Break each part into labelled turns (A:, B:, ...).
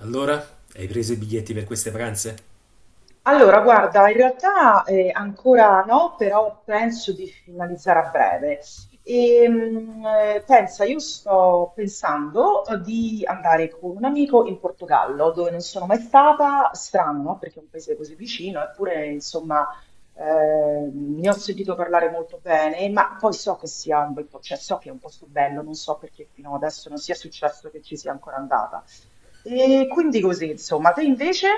A: Allora, hai preso i biglietti per queste pranze?
B: Allora, guarda, in realtà ancora no, però penso di finalizzare a breve. Io sto pensando di andare con un amico in Portogallo, dove non sono mai stata, strano, no? Perché è un paese così vicino, eppure, insomma, ne ho sentito parlare molto bene, ma poi so che sia un bel po', cioè so che è un posto bello, non so perché fino adesso non sia successo che ci sia ancora andata. E quindi così, insomma, te invece?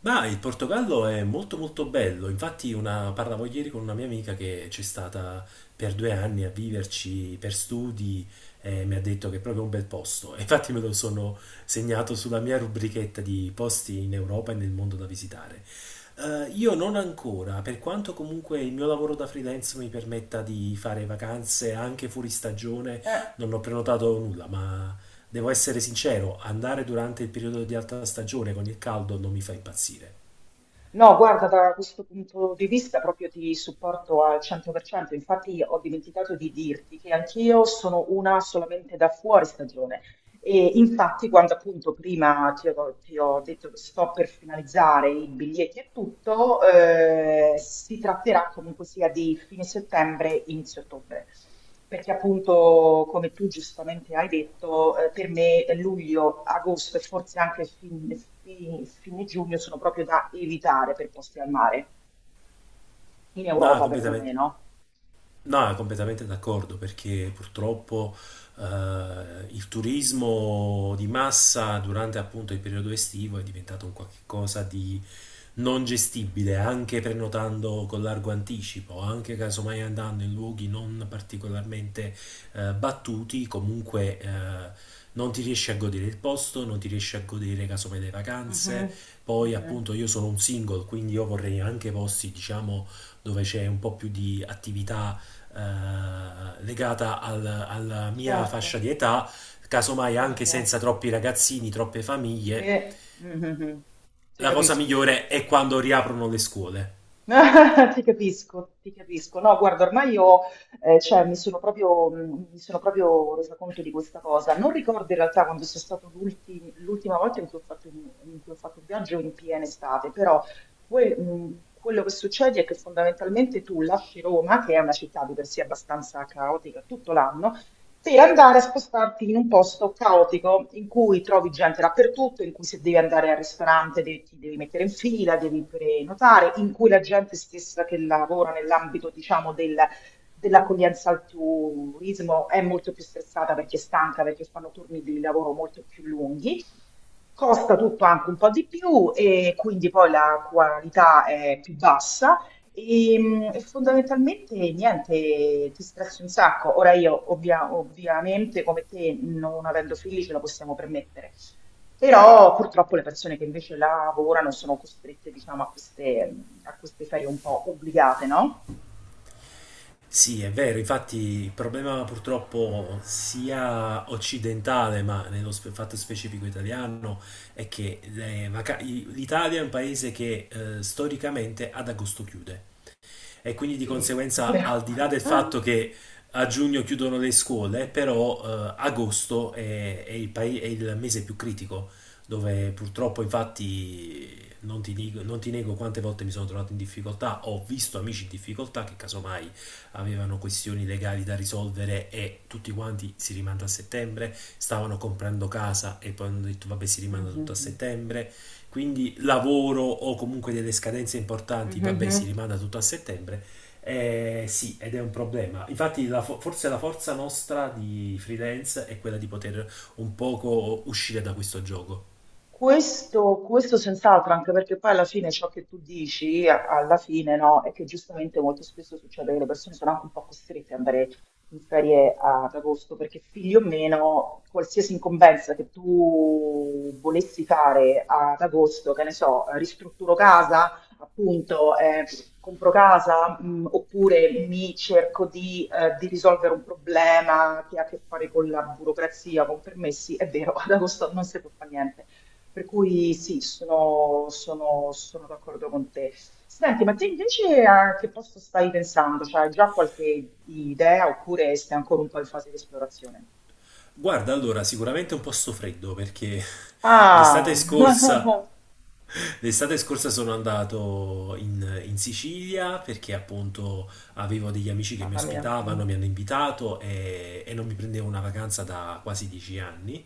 A: Ma il Portogallo è molto molto bello, infatti parlavo ieri con una mia amica che c'è stata per 2 anni a viverci per studi e mi ha detto che è proprio un bel posto. E infatti me lo sono segnato sulla mia rubrichetta di posti in Europa e nel mondo da visitare. Io non ancora, per quanto comunque il mio lavoro da freelance mi permetta di fare vacanze anche fuori stagione,
B: Eh.
A: non ho prenotato nulla, ma devo essere sincero, andare durante il periodo di alta stagione con il caldo non mi fa impazzire.
B: No, guarda, da questo punto di vista proprio ti supporto al 100%, infatti ho dimenticato di dirti che anch'io sono una solamente da fuori stagione, e infatti, quando appunto prima ti ho detto che sto per finalizzare i biglietti e tutto, si tratterà comunque sia di fine settembre, inizio ottobre. Perché appunto, come tu giustamente hai detto, per me luglio, agosto e forse anche fine giugno sono proprio da evitare per posti al mare, in
A: No,
B: Europa
A: completamente.
B: perlomeno.
A: No, completamente d'accordo, perché purtroppo eh, il turismo di massa durante appunto il periodo estivo è diventato un qualche cosa di non gestibile, anche prenotando con largo anticipo, anche casomai andando in luoghi non particolarmente battuti, comunque non ti riesci a godere il posto, non ti riesci a godere casomai le vacanze.
B: Mhm,
A: Poi
B: mhm.
A: appunto io sono un single, quindi io vorrei anche posti, diciamo, dove c'è un po' più di attività legata alla mia
B: Certo,
A: fascia di età, casomai anche
B: certo.
A: senza troppi ragazzini, troppe famiglie.
B: Eh, mm, mm, mm. Ti
A: La cosa
B: capisco, ti
A: migliore è
B: capisco.
A: quando riaprono le scuole.
B: Ti capisco, ti capisco. No, guarda, ormai io cioè, mi sono proprio, mi sono proprio resa conto di questa cosa. Non ricordo in realtà quando sia stato l'ultima volta in cui ho fatto un viaggio in piena estate, però quello che succede è che fondamentalmente tu lasci Roma, che è una città di per sé abbastanza caotica tutto l'anno, per andare a spostarti in un posto caotico in cui trovi gente dappertutto, in cui se devi andare al ristorante ti devi mettere in fila, devi prenotare, in cui la gente stessa che lavora nell'ambito, diciamo, dell'accoglienza al turismo è molto più stressata perché è stanca, perché fanno turni di lavoro molto più lunghi. Costa tutto anche un po' di più e quindi poi la qualità è più bassa e fondamentalmente niente, ti stressi un sacco. Ora io ovviamente come te, non avendo figli, ce la possiamo permettere, però purtroppo le persone che invece lavorano sono costrette, diciamo, a queste ferie un po' obbligate, no?
A: Sì, è vero, infatti il problema purtroppo sia occidentale, ma fatto specifico italiano, è che l'Italia è un paese che storicamente ad agosto chiude. E quindi di
B: Sì.
A: conseguenza,
B: Però...
A: al di là del fatto che a giugno chiudono le scuole, però agosto è il mese più critico, dove purtroppo infatti non ti nego quante volte mi sono trovato in difficoltà, ho visto amici in difficoltà che casomai avevano questioni legali da risolvere e tutti quanti si rimanda a settembre, stavano comprando casa e poi hanno detto vabbè si rimanda tutto a
B: Mhm,
A: settembre, quindi lavoro o comunque delle scadenze importanti,
B: mhm,
A: vabbè, si
B: mhm.
A: rimanda tutto a settembre. Sì, ed è un problema. Infatti, forse la forza nostra di freelance è quella di poter un poco uscire da questo gioco.
B: Questo senz'altro, anche perché poi alla fine ciò che tu dici, alla fine, no, è che giustamente molto spesso succede che le persone sono anche un po' costrette ad andare in ferie ad agosto, perché figli o meno, qualsiasi incombenza che tu volessi fare ad agosto, che ne so, ristrutturo casa, appunto, compro casa, oppure mi cerco di risolvere un problema che ha a che fare con la burocrazia, con permessi, è vero, ad agosto non si può fare niente. Per cui sì, sono d'accordo con te. Senti, ma te invece a che posto stai pensando? Cioè, hai già qualche idea oppure stai ancora un po' in fase di esplorazione?
A: Guarda, allora, sicuramente è un posto freddo perché l'estate
B: Ah,
A: scorsa L'estate scorsa sono andato in Sicilia perché appunto avevo degli amici che mi
B: mamma mia. Mm.
A: ospitavano, mi hanno invitato e non mi prendevo una vacanza da quasi 10 anni.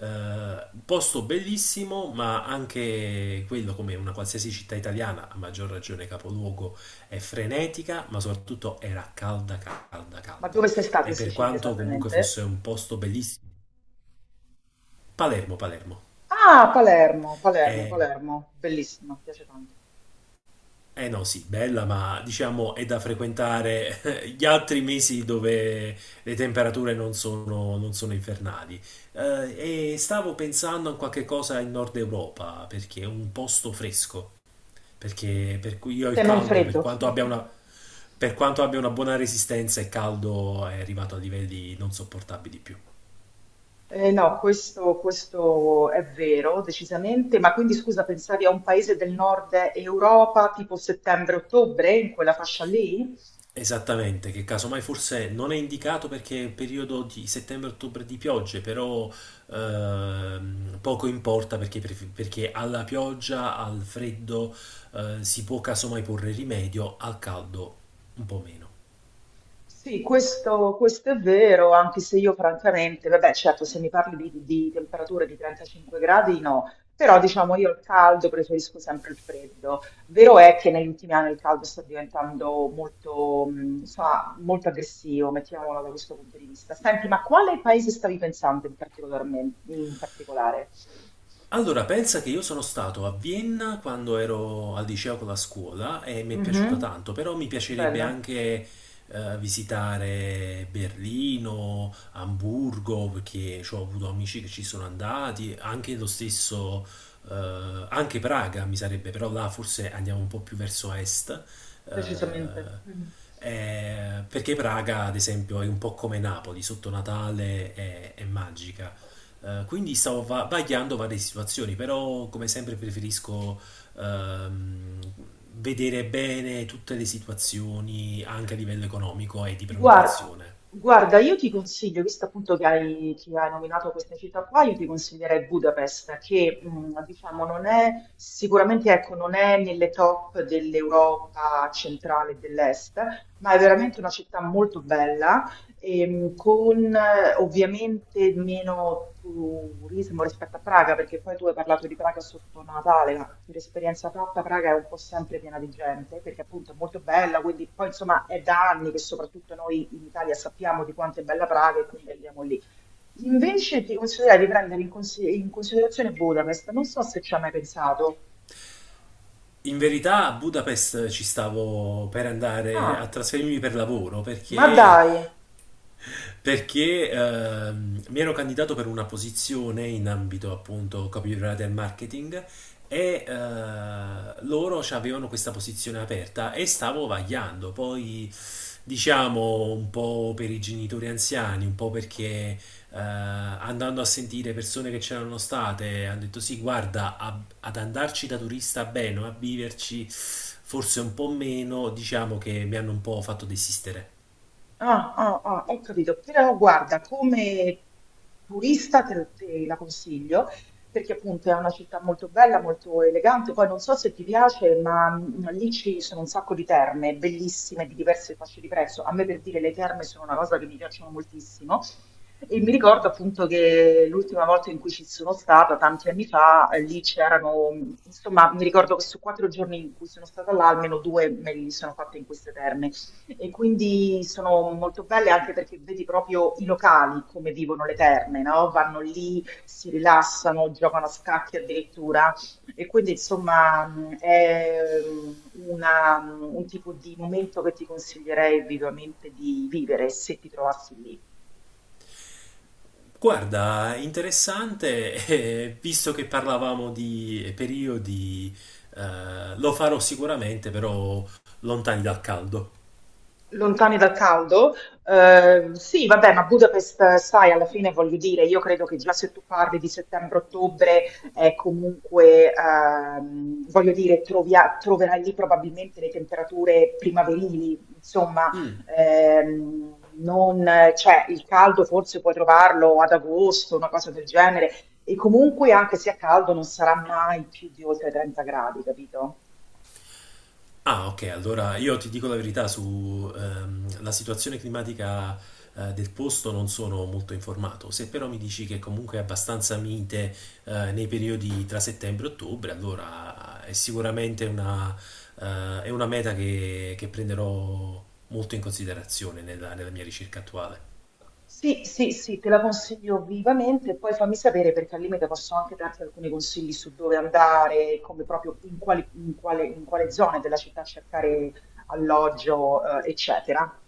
A: Posto bellissimo, ma anche quello, come una qualsiasi città italiana, a maggior ragione capoluogo, è frenetica, ma soprattutto era calda, calda,
B: Ma
A: calda.
B: dove sei stata
A: E
B: in
A: per
B: Sicilia
A: quanto comunque fosse
B: esattamente?
A: un posto bellissimo, Palermo, Palermo.
B: Ah, Palermo, Palermo, Palermo. Bellissima, piace tanto.
A: Eh no, sì, bella, ma diciamo è da frequentare gli altri mesi dove le temperature non sono infernali. E stavo pensando a qualche cosa in Nord Europa, perché è un posto fresco, per cui io il
B: Se non
A: caldo,
B: freddo.
A: per quanto abbia una buona resistenza, il caldo è arrivato a livelli non sopportabili più.
B: No, questo è vero, decisamente. Ma quindi scusa, pensavi a un paese del nord Europa tipo settembre-ottobre, in quella fascia lì?
A: Esattamente, che casomai forse non è indicato perché è un periodo di settembre-ottobre di piogge, però poco importa perché alla pioggia, al freddo si può casomai porre rimedio, al caldo un po' meno.
B: Sì, questo è vero, anche se io francamente, vabbè, certo, se mi parli di temperature di 35 gradi, no, però diciamo io il caldo preferisco sempre il freddo. Vero è che negli ultimi anni il caldo sta diventando molto, insomma, molto aggressivo, mettiamolo da questo punto di vista. Senti, ma quale paese stavi pensando in particolarmente, in particolare?
A: Allora, pensa che io sono stato a Vienna quando ero al liceo con la scuola e mi è piaciuta
B: Mhm.
A: tanto, però mi piacerebbe
B: Bello,
A: anche visitare Berlino, Amburgo, perché ci ho avuto amici che ci sono andati, anche lo stesso, anche Praga mi sarebbe, però là forse andiamo un po' più verso est,
B: decisamente.
A: eh,
B: Mhm.
A: perché Praga, ad esempio, è un po' come Napoli, sotto Natale è magica. Quindi stavo vagliando varie situazioni, però come sempre preferisco ehm, vedere bene tutte le situazioni anche a livello economico e di
B: Guar-
A: prenotazione.
B: Guarda, io ti consiglio, visto appunto che che hai nominato queste città qua, io ti consiglierei Budapest, che diciamo non è sicuramente, ecco, non è nelle top dell'Europa centrale e dell'est, ma è veramente una città molto bella. Con ovviamente meno turismo rispetto a Praga, perché poi tu hai parlato di Praga sotto Natale, ma per esperienza fatta Praga è un po' sempre piena di gente, perché appunto è molto bella, quindi poi insomma è da anni che soprattutto noi in Italia sappiamo di quanto è bella Praga e quindi andiamo lì. Invece ti consiglierei di prendere in considerazione Budapest, non so se ci hai mai pensato.
A: In verità a Budapest ci stavo per andare a
B: Ah,
A: trasferirmi per lavoro
B: ma
A: perché
B: dai!
A: perché ehm, mi ero candidato per una posizione in ambito appunto copywriter e marketing e loro avevano questa posizione aperta e stavo vagliando. Poi diciamo un po' per i genitori anziani, un po' perché eh, andando a sentire persone che c'erano state hanno detto sì, guarda, ad andarci da turista bene, a viverci forse un po' meno, diciamo che mi hanno un po' fatto desistere.
B: Ah, ah, ah, ho capito, però guarda, come turista te la consiglio, perché appunto è una città molto bella, molto elegante, poi non so se ti piace, ma lì ci sono un sacco di terme, bellissime, di diverse fasce di prezzo, a me per dire le terme sono una cosa che mi piacciono moltissimo, e mi ricordo appunto che l'ultima volta in cui ci sono stata, tanti anni fa, lì c'erano, insomma, mi ricordo che su quattro giorni in cui sono stata là, almeno due me li sono fatte in queste terme. E quindi sono molto belle anche perché vedi proprio i locali come vivono le terme, no? Vanno lì, si rilassano, giocano a scacchi addirittura. E quindi insomma è un tipo di momento che ti consiglierei vivamente di vivere se ti trovassi lì.
A: Guarda, interessante, visto che parlavamo di periodi, lo farò sicuramente, però lontani dal caldo.
B: Lontani dal caldo? Sì, vabbè, ma Budapest, sai, alla fine voglio dire, io credo che già se tu parli di settembre-ottobre, è comunque, voglio dire, troverai lì probabilmente le temperature primaverili, insomma,
A: Mm.
B: ehm, non, cioè, il caldo forse puoi trovarlo ad agosto, una cosa del genere, e comunque anche se è caldo non sarà mai più di oltre 30 gradi, capito?
A: Ah, ok, allora io ti dico la verità su la situazione climatica del posto non sono molto informato. Se però mi dici che comunque è abbastanza mite nei periodi tra settembre e ottobre, allora è sicuramente una meta che prenderò molto in considerazione nella mia ricerca attuale.
B: Sì, sì, sì, te la consiglio vivamente, poi fammi sapere perché al limite posso anche darti alcuni consigli su dove andare, come proprio in quale zone della città cercare alloggio, eccetera.